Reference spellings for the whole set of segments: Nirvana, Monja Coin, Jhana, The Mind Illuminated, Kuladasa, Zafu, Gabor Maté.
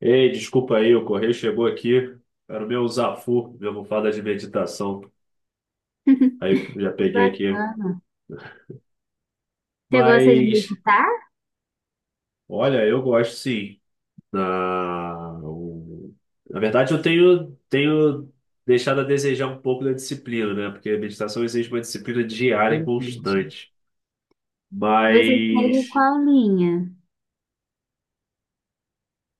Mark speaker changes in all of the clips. Speaker 1: Ei, desculpa aí, o correio chegou aqui. Era o meu Zafu, minha almofada de meditação. Aí já peguei aqui.
Speaker 2: Bacana. Você gosta de
Speaker 1: Mas,
Speaker 2: meditar?
Speaker 1: olha, eu gosto sim. Na, o- Na verdade, eu tenho, deixado a desejar um pouco da disciplina, né? Porque a meditação exige uma disciplina diária e
Speaker 2: Entendi.
Speaker 1: constante.
Speaker 2: Você segue
Speaker 1: Mas,
Speaker 2: qual linha?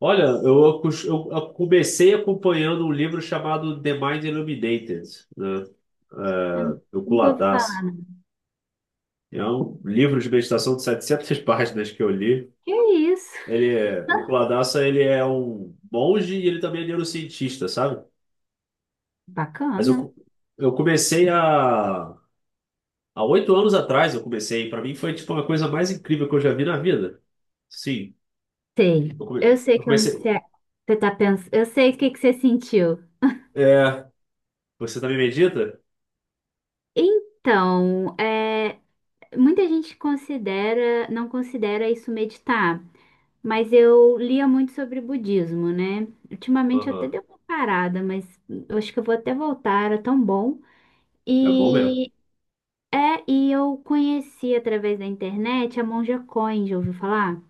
Speaker 1: olha, eu, eu comecei acompanhando um livro chamado The Mind Illuminated, né?
Speaker 2: Eu
Speaker 1: É, do
Speaker 2: nunca ouvi
Speaker 1: Kuladasa.
Speaker 2: falar, não.
Speaker 1: É um livro de meditação de 700 páginas que eu li.
Speaker 2: Que isso?
Speaker 1: Ele é, o Kuladasa, ele é um monge e ele também é neurocientista, sabe? Mas eu,
Speaker 2: Bacana.
Speaker 1: co- eu comecei a... Há 8 anos atrás eu comecei. Para mim foi tipo uma coisa mais incrível que eu já vi na vida. Sim,
Speaker 2: Sei. Eu sei
Speaker 1: eu
Speaker 2: que eu- Você,
Speaker 1: comecei...
Speaker 2: é, você tá pensando. Eu sei o que você sentiu.
Speaker 1: É, você também medita?
Speaker 2: Então, é, muita gente não considera isso meditar, mas eu lia muito sobre budismo, né? Ultimamente eu até
Speaker 1: Aham.
Speaker 2: dei uma parada, mas eu acho que eu vou até voltar, era tão bom.
Speaker 1: É bom mesmo.
Speaker 2: e É, e eu conheci através da internet a Monja Coin, já ouviu falar?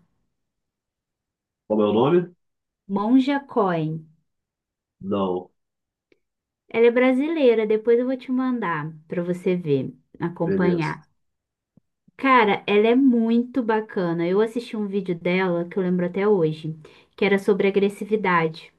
Speaker 1: Como é o nome?
Speaker 2: Monja Coin.
Speaker 1: Não.
Speaker 2: Ela é brasileira, depois eu vou te mandar para você ver,
Speaker 1: Beleza.
Speaker 2: acompanhar. Cara, ela é muito bacana. Eu assisti um vídeo dela que eu lembro até hoje, que era sobre agressividade.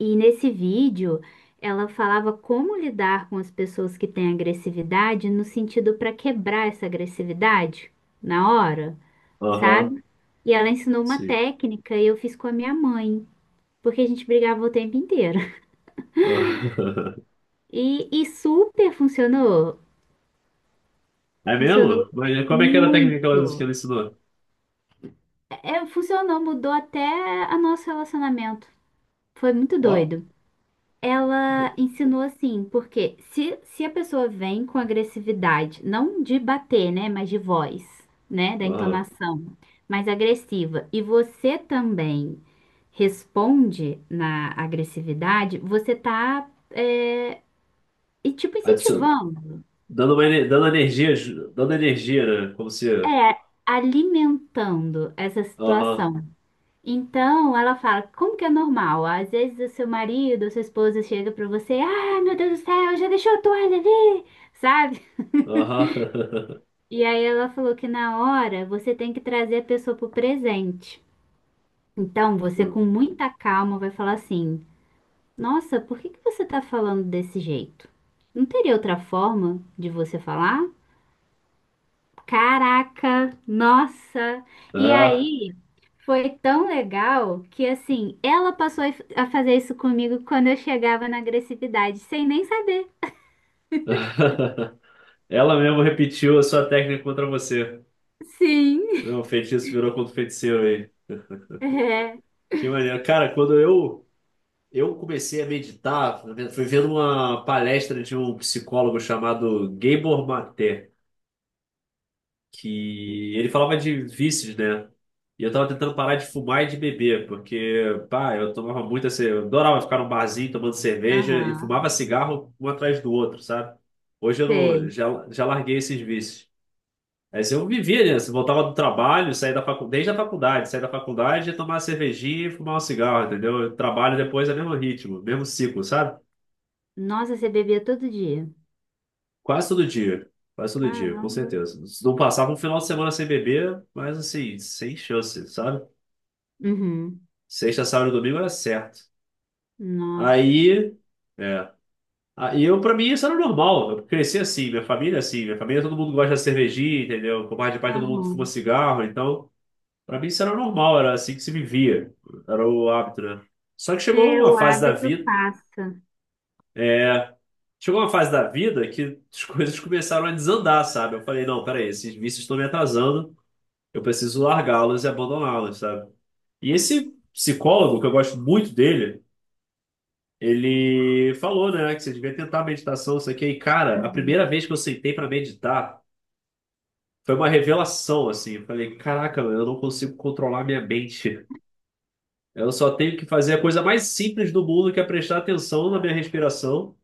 Speaker 2: E nesse vídeo, ela falava como lidar com as pessoas que têm agressividade no sentido para quebrar essa agressividade na hora.
Speaker 1: Aham.
Speaker 2: Sabe? E ela ensinou uma
Speaker 1: Sim.
Speaker 2: técnica e eu fiz com a minha mãe, porque a gente brigava o tempo inteiro.
Speaker 1: Aham.
Speaker 2: E super funcionou.
Speaker 1: É
Speaker 2: Funcionou
Speaker 1: mesmo? Mas como é que era a técnica que ela que
Speaker 2: muito.
Speaker 1: ela ensinou?
Speaker 2: É, funcionou, mudou até o nosso relacionamento. Foi muito
Speaker 1: Ó.
Speaker 2: doido. Ela ensinou assim, porque se a pessoa vem com agressividade, não de bater, né, mas de voz, né, da
Speaker 1: Aham.
Speaker 2: entonação, mais agressiva, e você também responde na agressividade, você tá, é, e tipo
Speaker 1: Adiciono.
Speaker 2: incentivando,
Speaker 1: Dando uma, dando energia, dando energia, né? Como se.
Speaker 2: é, alimentando essa
Speaker 1: Aham,
Speaker 2: situação. Então, ela fala, como que é normal? Às vezes o seu marido, a sua esposa chega pra você, ah, meu Deus do céu, já deixou a toalha ali? Sabe?
Speaker 1: aham.
Speaker 2: E aí ela falou que na hora você tem que trazer a pessoa pro presente. Então, você com
Speaker 1: Hum.
Speaker 2: muita calma vai falar assim: "Nossa, por que que você tá falando desse jeito? Não teria outra forma de você falar?" Caraca, nossa! E
Speaker 1: Ah.
Speaker 2: aí foi tão legal que assim, ela passou a fazer isso comigo quando eu chegava na agressividade, sem nem saber.
Speaker 1: Ela mesmo repetiu a sua técnica contra você.
Speaker 2: Sim.
Speaker 1: Não, o feitiço virou contra o feiticeiro aí.
Speaker 2: É.
Speaker 1: Que maneiro. Cara, eu comecei a meditar, fui vendo uma palestra de um psicólogo chamado Gabor Maté. Que ele falava de vícios, né? E eu tava tentando parar de fumar e de beber, porque, pá, eu tomava muito assim, eu adorava ficar num barzinho tomando cerveja e
Speaker 2: Aham.
Speaker 1: fumava cigarro um atrás do outro, sabe? Hoje eu não,
Speaker 2: Sei.
Speaker 1: já, já larguei esses vícios. Aí assim, eu vivia, né? Assim, voltava do trabalho, saía da faculdade, desde a faculdade, saía da faculdade, ia tomar uma cervejinha e fumar um cigarro, entendeu? Eu trabalho depois é o mesmo ritmo, mesmo ciclo, sabe?
Speaker 2: Nossa, você bebia todo dia.
Speaker 1: Quase todo dia. Quase todo dia, com
Speaker 2: Caramba.
Speaker 1: certeza. Não passava um final de semana sem beber, mas assim, sem chance, sabe?
Speaker 2: Uhum.
Speaker 1: Sexta, sábado e domingo era certo.
Speaker 2: Nossa.
Speaker 1: Aí, é. Aí eu, pra mim, isso era normal. Eu cresci assim, minha família é assim. Minha família, todo mundo gosta de cervejinha, entendeu? Por parte de pai, todo mundo fuma
Speaker 2: Aham.
Speaker 1: cigarro. Então, pra mim isso era normal, era assim que se vivia. Era o hábito, né? Só que chegou
Speaker 2: É,
Speaker 1: uma
Speaker 2: o
Speaker 1: fase da
Speaker 2: hábito
Speaker 1: vida,
Speaker 2: passa.
Speaker 1: é... Chegou uma fase da vida que as coisas começaram a desandar, sabe? Eu falei, não, peraí, esses vícios estão me atrasando. Eu preciso largá-los e abandoná-los, sabe? E esse psicólogo, que eu gosto muito dele... Ele falou, né, que você devia tentar meditação, isso aqui. E, cara, a
Speaker 2: Uhum.
Speaker 1: primeira vez que eu sentei pra meditar foi uma revelação, assim. Eu falei, caraca, eu não consigo controlar minha mente. Eu só tenho que fazer a coisa mais simples do mundo, que é prestar atenção na minha respiração.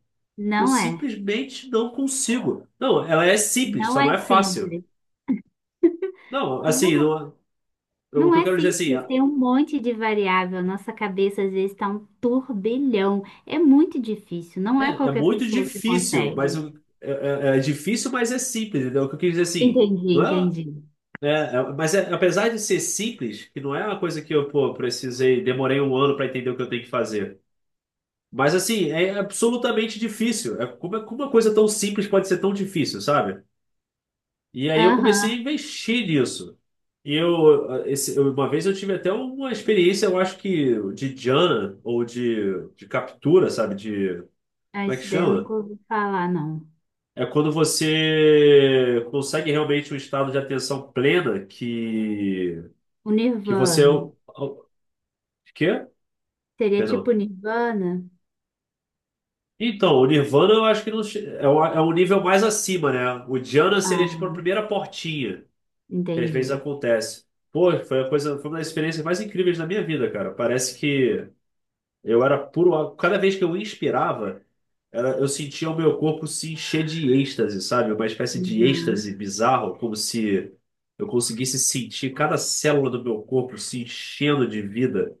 Speaker 1: Eu
Speaker 2: Não é.
Speaker 1: simplesmente não consigo. Não, ela é simples,
Speaker 2: Não
Speaker 1: só não
Speaker 2: é
Speaker 1: é fácil.
Speaker 2: simples.
Speaker 1: Não, assim,
Speaker 2: Não,
Speaker 1: não- é, o
Speaker 2: não
Speaker 1: que eu
Speaker 2: é
Speaker 1: quero dizer assim,
Speaker 2: simples. Tem um monte de variável. Nossa cabeça às vezes está um turbilhão. É muito difícil. Não é
Speaker 1: é, é
Speaker 2: qualquer
Speaker 1: muito
Speaker 2: pessoa que
Speaker 1: difícil, mas
Speaker 2: consegue.
Speaker 1: eu- é, é- é difícil, mas é simples, entendeu? O que eu quis dizer assim.
Speaker 2: Entendi,
Speaker 1: Não é,
Speaker 2: entendi.
Speaker 1: É, é, apesar de ser simples, que não é uma coisa que eu, pô, precisei, demorei um ano para entender o que eu tenho que fazer. Mas assim, é absolutamente difícil. Como uma coisa tão simples pode ser tão difícil, sabe? E aí eu comecei a
Speaker 2: Aham.
Speaker 1: investir nisso. E eu, eh, esse- eu- Uma vez eu tive até uma experiência, eu acho que de Jhana, ou de captura, sabe? De,
Speaker 2: Ah,
Speaker 1: como é que
Speaker 2: isso daí eu
Speaker 1: chama?
Speaker 2: nunca ouvi falar, não.
Speaker 1: É quando você consegue realmente um estado de atenção plena
Speaker 2: O
Speaker 1: que você.
Speaker 2: Nirvana.
Speaker 1: Quê?
Speaker 2: Seria tipo
Speaker 1: Penal.
Speaker 2: Nirvana?
Speaker 1: Então, o Nirvana eu acho que não che- é o, é o nível mais acima, né? O Diana seria tipo a
Speaker 2: Ah,
Speaker 1: primeira portinha que às vezes
Speaker 2: entendi.
Speaker 1: acontece. Pô, foi a coisa, Foi uma das experiências mais incríveis da minha vida, cara. Parece que eu era puro. Cada vez que eu inspirava, eu sentia o meu corpo se encher de êxtase, sabe? Uma espécie de
Speaker 2: Uhum.
Speaker 1: êxtase bizarro, como se eu conseguisse sentir cada célula do meu corpo se enchendo de vida.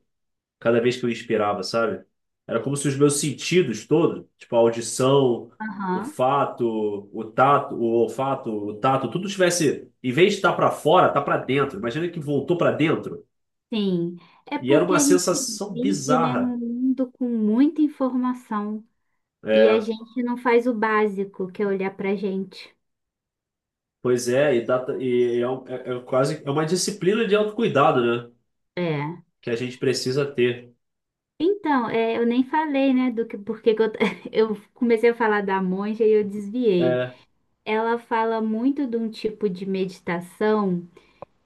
Speaker 1: Cada vez que eu inspirava, sabe? Era como se os meus sentidos todos, tipo a audição, o
Speaker 2: Aham.
Speaker 1: fato, o tato, o olfato, o tato, tudo tivesse, em vez de estar para fora, tá para dentro. Imagina que voltou para dentro.
Speaker 2: Sim, é
Speaker 1: E era
Speaker 2: porque
Speaker 1: uma
Speaker 2: a gente
Speaker 1: sensação
Speaker 2: vive, né,
Speaker 1: bizarra.
Speaker 2: num mundo com muita informação e a
Speaker 1: É,
Speaker 2: gente não faz o básico, que é olhar pra gente.
Speaker 1: Pois é, é quase é uma disciplina de autocuidado, né?
Speaker 2: É.
Speaker 1: Que a gente precisa ter.
Speaker 2: Então, é, eu nem falei, né, do que porque que eu, eu comecei a falar da monja e eu desviei.
Speaker 1: É,
Speaker 2: Ela fala muito de um tipo de meditação,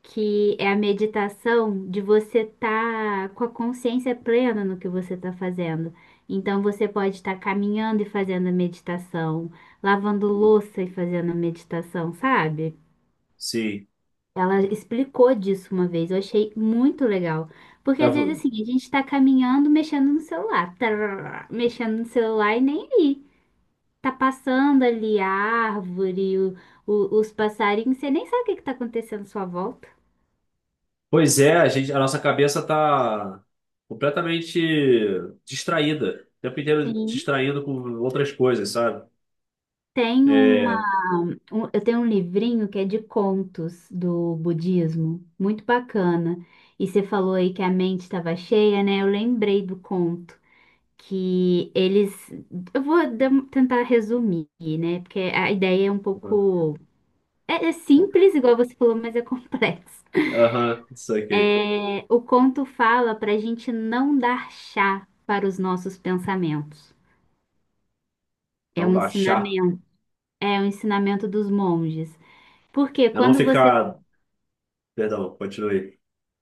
Speaker 2: que é a meditação de você estar com a consciência plena no que você está fazendo. Então, você pode estar caminhando e fazendo a meditação, lavando louça e fazendo a meditação, sabe?
Speaker 1: sim.
Speaker 2: Ela explicou disso uma vez, eu achei muito legal. Porque
Speaker 1: É,
Speaker 2: às vezes assim, a gente está caminhando, mexendo no celular, tarará, mexendo no celular e nem aí. Tá passando ali a árvore, os passarinhos, você nem sabe o que que tá acontecendo à sua volta.
Speaker 1: pois é, a gente, a nossa cabeça está completamente distraída, o tempo inteiro
Speaker 2: Sim.
Speaker 1: distraindo com outras coisas, sabe?
Speaker 2: Tem uma
Speaker 1: É,
Speaker 2: eu tenho um livrinho que é de contos do budismo, muito bacana. E você falou aí que a mente estava cheia, né? Eu lembrei do conto que eles, eu vou dar- um, tentar resumir, né? Porque a ideia é um pouco é simples, igual você falou, mas é complexo.
Speaker 1: aham, isso aqui,
Speaker 2: É, o conto fala para a gente não dar chá para os nossos pensamentos. É
Speaker 1: não
Speaker 2: um
Speaker 1: baixar,
Speaker 2: ensinamento, é um ensinamento dos monges. Porque
Speaker 1: é não
Speaker 2: quando você
Speaker 1: ficar, perdão, continue,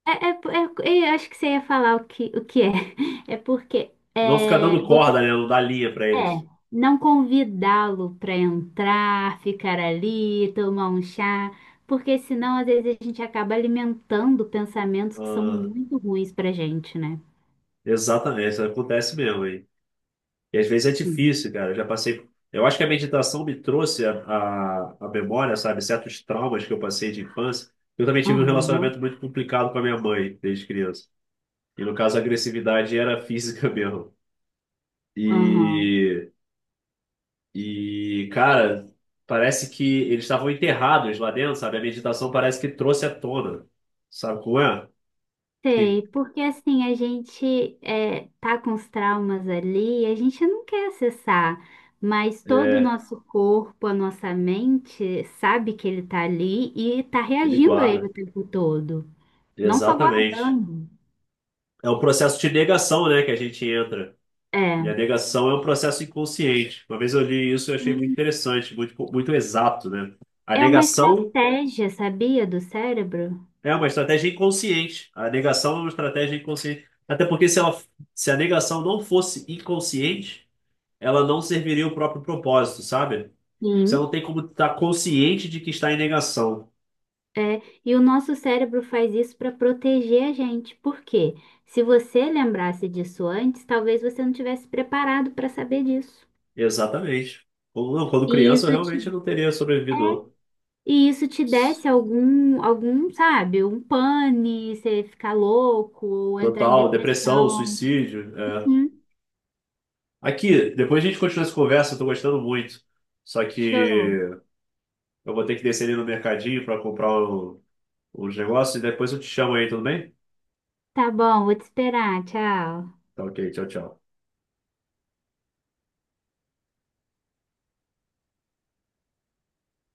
Speaker 2: Eu acho que você ia falar o que é. É porque
Speaker 1: é não ficar
Speaker 2: é,
Speaker 1: dando
Speaker 2: você
Speaker 1: corda, né, não dar linha pra
Speaker 2: é
Speaker 1: eles.
Speaker 2: não convidá-lo para entrar, ficar ali, tomar um chá, porque senão às vezes a gente acaba alimentando pensamentos que são
Speaker 1: Ah,
Speaker 2: muito ruins para gente, né?
Speaker 1: exatamente, isso acontece mesmo. E às vezes é
Speaker 2: Sim.
Speaker 1: difícil, cara. Eu já passei. Eu acho que a meditação me trouxe a memória, sabe? Certos traumas que eu passei de infância. Eu também tive um
Speaker 2: Aham,
Speaker 1: relacionamento muito complicado com a minha mãe desde criança. E no caso, a agressividade era física mesmo.
Speaker 2: aham.
Speaker 1: E, e cara, parece que eles estavam enterrados lá dentro, sabe? A meditação parece que trouxe à tona. Sabe como é? Que
Speaker 2: Sei, porque assim, a gente é, tá com os traumas ali, e a gente não quer acessar, mas todo o
Speaker 1: é
Speaker 2: nosso corpo, a nossa mente sabe que ele tá ali e tá
Speaker 1: ele
Speaker 2: reagindo a ele
Speaker 1: guarda.
Speaker 2: o tempo todo, não só
Speaker 1: Exatamente.
Speaker 2: guardando.
Speaker 1: É um processo de negação, né, que a gente entra. E a
Speaker 2: É.
Speaker 1: negação é um processo inconsciente. Uma vez eu li isso e achei muito
Speaker 2: Sim.
Speaker 1: interessante, muito, muito exato, né? A
Speaker 2: É uma
Speaker 1: negação
Speaker 2: estratégia, sabia, do cérebro?
Speaker 1: é uma estratégia inconsciente. A negação é uma estratégia inconsciente. Até porque se ela, se a negação não fosse inconsciente, ela não serviria o próprio propósito, sabe? Você
Speaker 2: Sim.
Speaker 1: não tem como estar consciente de que está em negação.
Speaker 2: É, e o nosso cérebro faz isso para proteger a gente. Por quê? Se você lembrasse disso antes, talvez você não tivesse preparado para saber disso.
Speaker 1: Exatamente. Quando, não, quando
Speaker 2: E isso
Speaker 1: criança, eu realmente
Speaker 2: te,
Speaker 1: não teria sobrevivido.
Speaker 2: é,
Speaker 1: Não.
Speaker 2: e isso te desse algum, algum, sabe, um pane, você ficar louco, ou entrar em
Speaker 1: Total, depressão,
Speaker 2: depressão.
Speaker 1: suicídio. É,
Speaker 2: Uhum.
Speaker 1: aqui, depois a gente continua essa conversa, eu tô gostando muito. Só
Speaker 2: Show.
Speaker 1: que eu vou ter que descer ali no mercadinho para comprar os negócios e depois eu te chamo aí, tudo bem?
Speaker 2: Tá bom, vou te esperar. Tchau.
Speaker 1: Tá ok, tchau, tchau.